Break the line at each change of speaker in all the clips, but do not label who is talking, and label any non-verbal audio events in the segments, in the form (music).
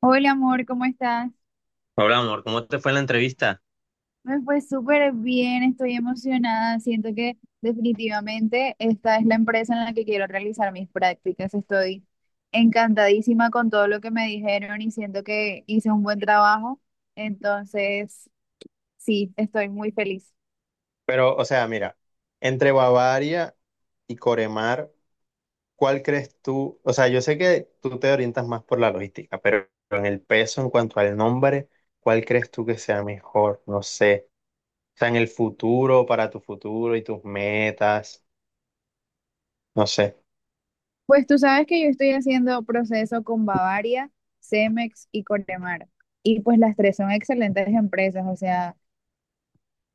Hola amor, ¿cómo estás?
Hola, amor, ¿cómo te fue en la entrevista?
Me fue súper bien, estoy emocionada. Siento que definitivamente esta es la empresa en la que quiero realizar mis prácticas. Estoy encantadísima con todo lo que me dijeron y siento que hice un buen trabajo. Entonces, sí, estoy muy feliz.
Pero, o sea, mira, entre Bavaria y Coremar, ¿cuál crees tú? O sea, yo sé que tú te orientas más por la logística, pero en el peso, en cuanto al nombre, ¿cuál crees tú que sea mejor? No sé. O sea, en el futuro, para tu futuro y tus metas, no sé.
Pues tú sabes que yo estoy haciendo proceso con Bavaria, Cemex y Cortemar. Y pues las tres son excelentes empresas, o sea.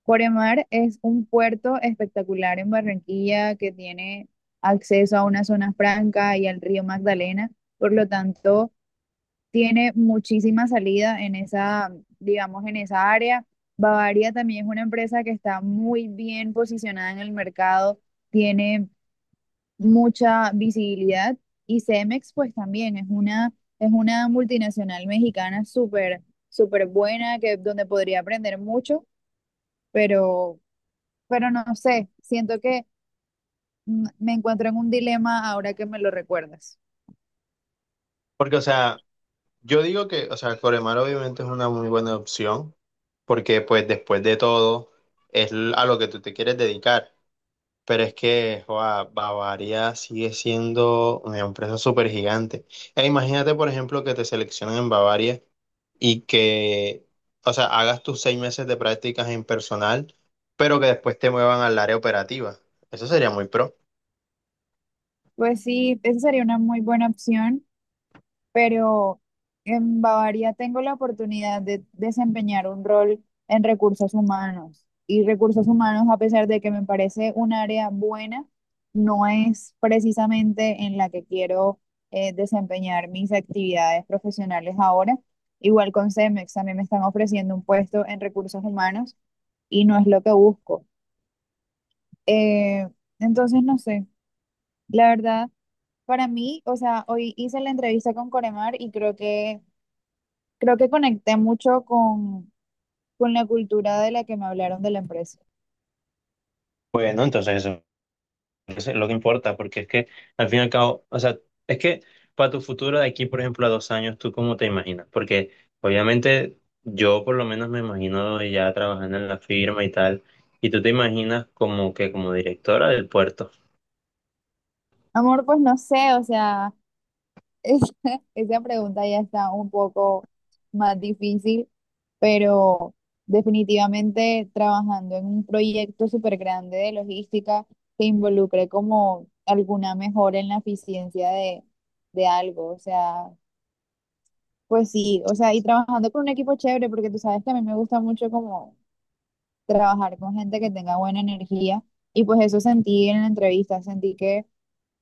Coremar es un puerto espectacular en Barranquilla que tiene acceso a una zona franca y al río Magdalena, por lo tanto tiene muchísima salida en esa, digamos, en esa área. Bavaria también es una empresa que está muy bien posicionada en el mercado, tiene mucha visibilidad, y Cemex pues también es una multinacional mexicana súper, súper buena donde podría aprender mucho, pero no sé, siento que me encuentro en un dilema ahora que me lo recuerdas.
Porque, o sea, yo digo que, o sea, Coremar obviamente es una muy buena opción, porque pues después de todo es a lo que tú te quieres dedicar. Pero es que joa, Bavaria sigue siendo una empresa súper gigante. E imagínate, por ejemplo, que te seleccionen en Bavaria y que, o sea, hagas tus seis meses de prácticas en personal, pero que después te muevan al área operativa. Eso sería muy pro.
Pues sí, esa sería una muy buena opción, pero en Bavaria tengo la oportunidad de desempeñar un rol en recursos humanos. Y recursos humanos, a pesar de que me parece un área buena, no es precisamente en la que quiero desempeñar mis actividades profesionales ahora. Igual con Cemex, también me están ofreciendo un puesto en recursos humanos y no es lo que busco. Eh, entonces, no sé, la verdad, para mí, o sea, hoy hice la entrevista con Coremar y creo que conecté mucho con la cultura de la que me hablaron de la empresa.
Bueno, entonces eso. Eso es lo que importa, porque es que al fin y al cabo, o sea, es que para tu futuro de aquí, por ejemplo, a dos años, ¿tú cómo te imaginas? Porque obviamente yo por lo menos me imagino ya trabajando en la firma y tal, y tú te imaginas como que como directora del puerto.
Amor, pues no sé, o sea, (laughs) es- esa pregunta ya está un poco más difícil, pero definitivamente trabajando en un proyecto súper grande de logística que involucre como alguna mejora en la eficiencia de algo, o sea. Pues sí, o sea, y trabajando con un equipo chévere, porque tú sabes que a mí me gusta mucho como trabajar con gente que tenga buena energía, y pues eso sentí en la entrevista, sentí que,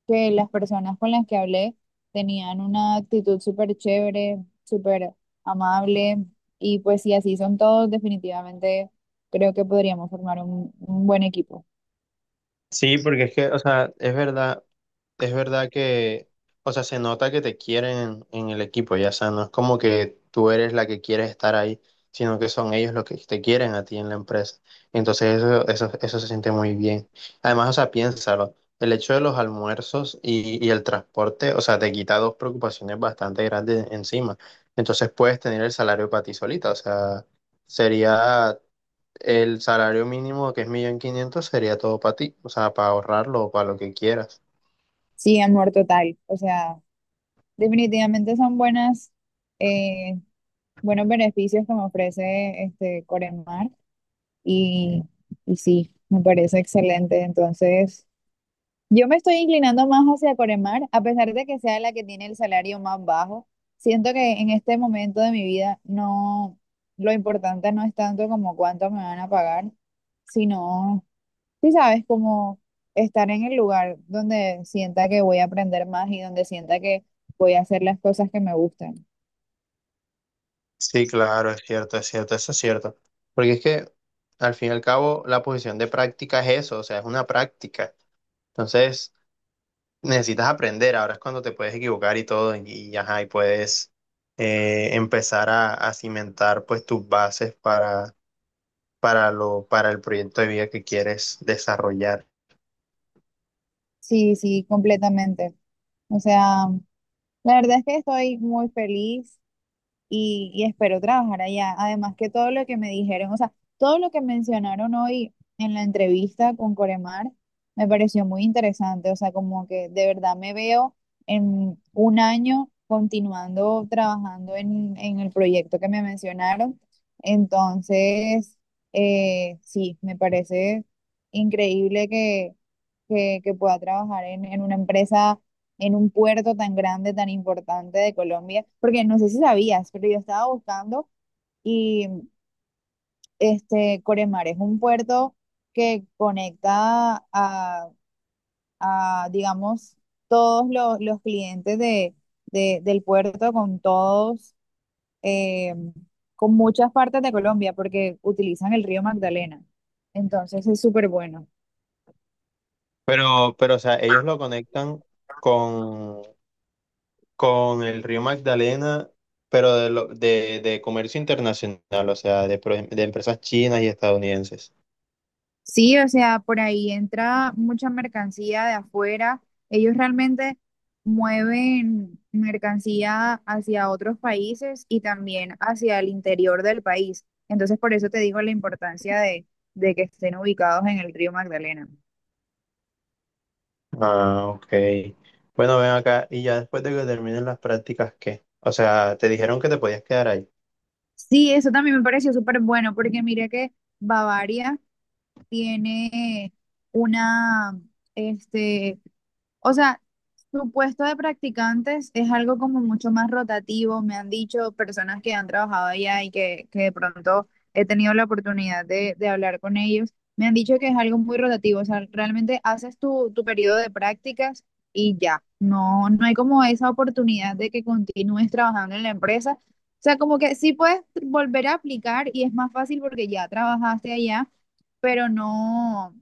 que las personas con las que hablé tenían una actitud súper chévere, súper amable, y pues si así son todos, definitivamente creo que podríamos formar un buen equipo.
Sí, porque es que, o sea, es verdad que, o sea, se nota que te quieren en el equipo, ya, o sea, no es como que tú eres la que quieres estar ahí, sino que son ellos los que te quieren a ti en la empresa. Entonces eso se siente muy bien. Además, o sea, piénsalo, el hecho de los almuerzos y el transporte, o sea, te quita dos preocupaciones bastante grandes encima. Entonces puedes tener el salario para ti solita, o sea, sería el salario mínimo que es millón quinientos sería todo para ti, o sea, para ahorrarlo o para lo que quieras.
Sí, amor total, o sea, definitivamente son eh, buenos beneficios que me ofrece este Coremar. Y, y sí, me parece excelente. Entonces, yo me estoy inclinando más hacia Coremar, a pesar de que sea la que tiene el salario más bajo. Siento que en este momento de mi vida no, lo importante no es tanto como cuánto me van a pagar, sino, sí sabes, como estar en el lugar donde sienta que voy a aprender más y donde sienta que voy a hacer las cosas que me gustan.
Sí, claro, es cierto, eso es cierto. Porque es que al fin y al cabo la posición de práctica es eso, o sea, es una práctica. Entonces, necesitas aprender, ahora es cuando te puedes equivocar y todo, ajá, y puedes empezar a cimentar pues tus bases para lo, para el proyecto de vida que quieres desarrollar.
Sí, sí, completamente. O sea, la verdad es que estoy muy feliz. Y espero trabajar allá. Además que todo lo que me dijeron, o sea, todo lo que mencionaron hoy en la entrevista con Coremar me pareció muy interesante, o sea, como que de verdad me veo en un año continuando trabajando en el proyecto que me mencionaron. Entonces, sí, me parece increíble que que pueda trabajar en una empresa, en un puerto tan grande, tan importante de Colombia, porque no sé si sabías, pero yo estaba buscando y este Coremar es un puerto que conecta a, digamos, todos los clientes del puerto eh, con muchas partes de Colombia, porque utilizan el río Magdalena. Entonces es súper bueno.
Pero, o sea, ellos lo conectan con con el río Magdalena, pero de, lo- de comercio internacional, o sea, de, pro- de empresas chinas y estadounidenses.
Sí, o sea, por ahí entra mucha mercancía de afuera. Ellos realmente mueven mercancía hacia otros países y también hacia el interior del país. Entonces, por eso te digo la importancia de que estén ubicados en el río Magdalena.
Ah, ok. Bueno, ven acá y ya después de que terminen las prácticas, ¿qué? O sea, te dijeron que te podías quedar allá.
Sí, eso también me pareció súper bueno porque mira que Bavaria tiene una, este, o sea, su puesto de practicantes es algo como mucho más rotativo. Me han dicho personas que han trabajado allá y que de pronto he tenido la oportunidad de hablar con ellos. Me han dicho que es algo muy rotativo. O sea, realmente haces tu periodo de prácticas y ya. No, no hay como esa oportunidad de que continúes trabajando en la empresa. O sea, como que sí puedes volver a aplicar y es más fácil porque ya trabajaste allá, pero no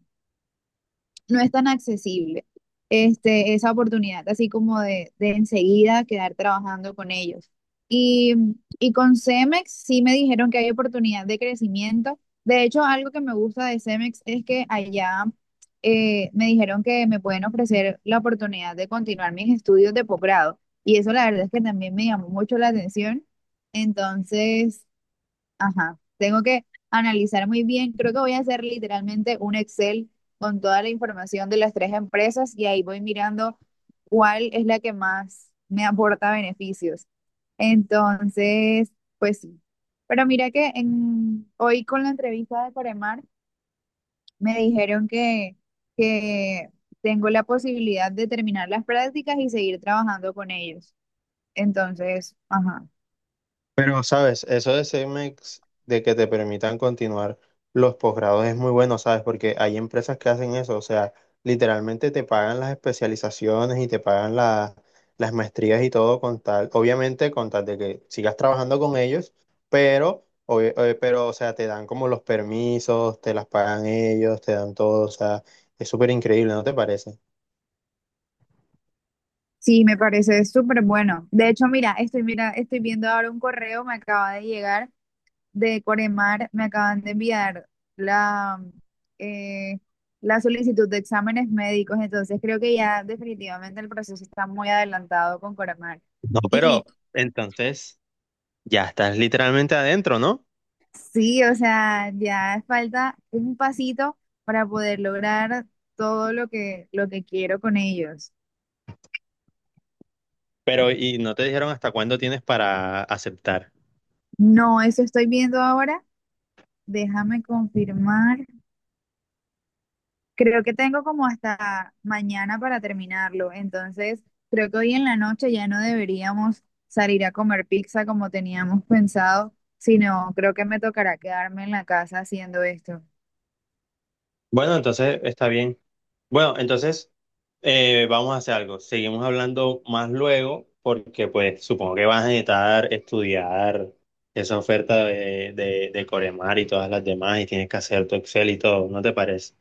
no es tan accesible esa oportunidad, así como de enseguida quedar trabajando con ellos. Y, y con Cemex sí me dijeron que hay oportunidad de crecimiento. De hecho, algo que me gusta de Cemex es que allá me dijeron que me pueden ofrecer la oportunidad de continuar mis estudios de posgrado. Y eso la verdad es que también me llamó mucho la atención. Entonces, ajá, tengo que analizar muy bien. Creo que voy a hacer literalmente un Excel con toda la información de las tres empresas y ahí voy mirando cuál es la que más me aporta beneficios. Entonces, pues sí. Pero mira que hoy con la entrevista de Coremar me dijeron que tengo la posibilidad de terminar las prácticas y seguir trabajando con ellos. Entonces, ajá.
Pero, ¿sabes? Eso de CEMEX, de que te permitan continuar los posgrados es muy bueno, ¿sabes? Porque hay empresas que hacen eso, o sea, literalmente te pagan las especializaciones y te pagan la- las maestrías y todo con tal, obviamente con tal de que sigas trabajando con ellos, pero, pero, o sea, te dan como los permisos, te las pagan ellos, te dan todo, o sea, es súper increíble, ¿no te parece?
Sí, me parece súper bueno. De hecho, mira, estoy viendo ahora un correo, me acaba de llegar de Coremar, me acaban de enviar la, eh, la solicitud de exámenes médicos, entonces creo que ya definitivamente el proceso está muy adelantado con Coremar.
No, pero
Y
entonces ya estás literalmente adentro, ¿no?
sí, o sea, ya falta un pasito para poder lograr todo lo que quiero con ellos.
Pero, ¿y no te dijeron hasta cuándo tienes para aceptar?
No, eso estoy viendo ahora. Déjame confirmar. Creo que tengo como hasta mañana para terminarlo, entonces creo que hoy en la noche ya no deberíamos salir a comer pizza como teníamos pensado, sino creo que me tocará quedarme en la casa haciendo esto.
Bueno, entonces está bien. Bueno, entonces vamos a hacer algo. Seguimos hablando más luego porque pues supongo que vas a necesitar estudiar esa oferta de Coremar y todas las demás y tienes que hacer tu Excel y todo, ¿no te parece?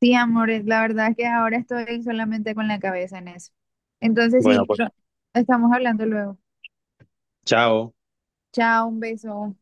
Sí, amores, la verdad es que ahora estoy solamente con la cabeza en eso. Entonces,
Bueno,
sí,
pues
estamos hablando luego.
chao.
Chao, un beso.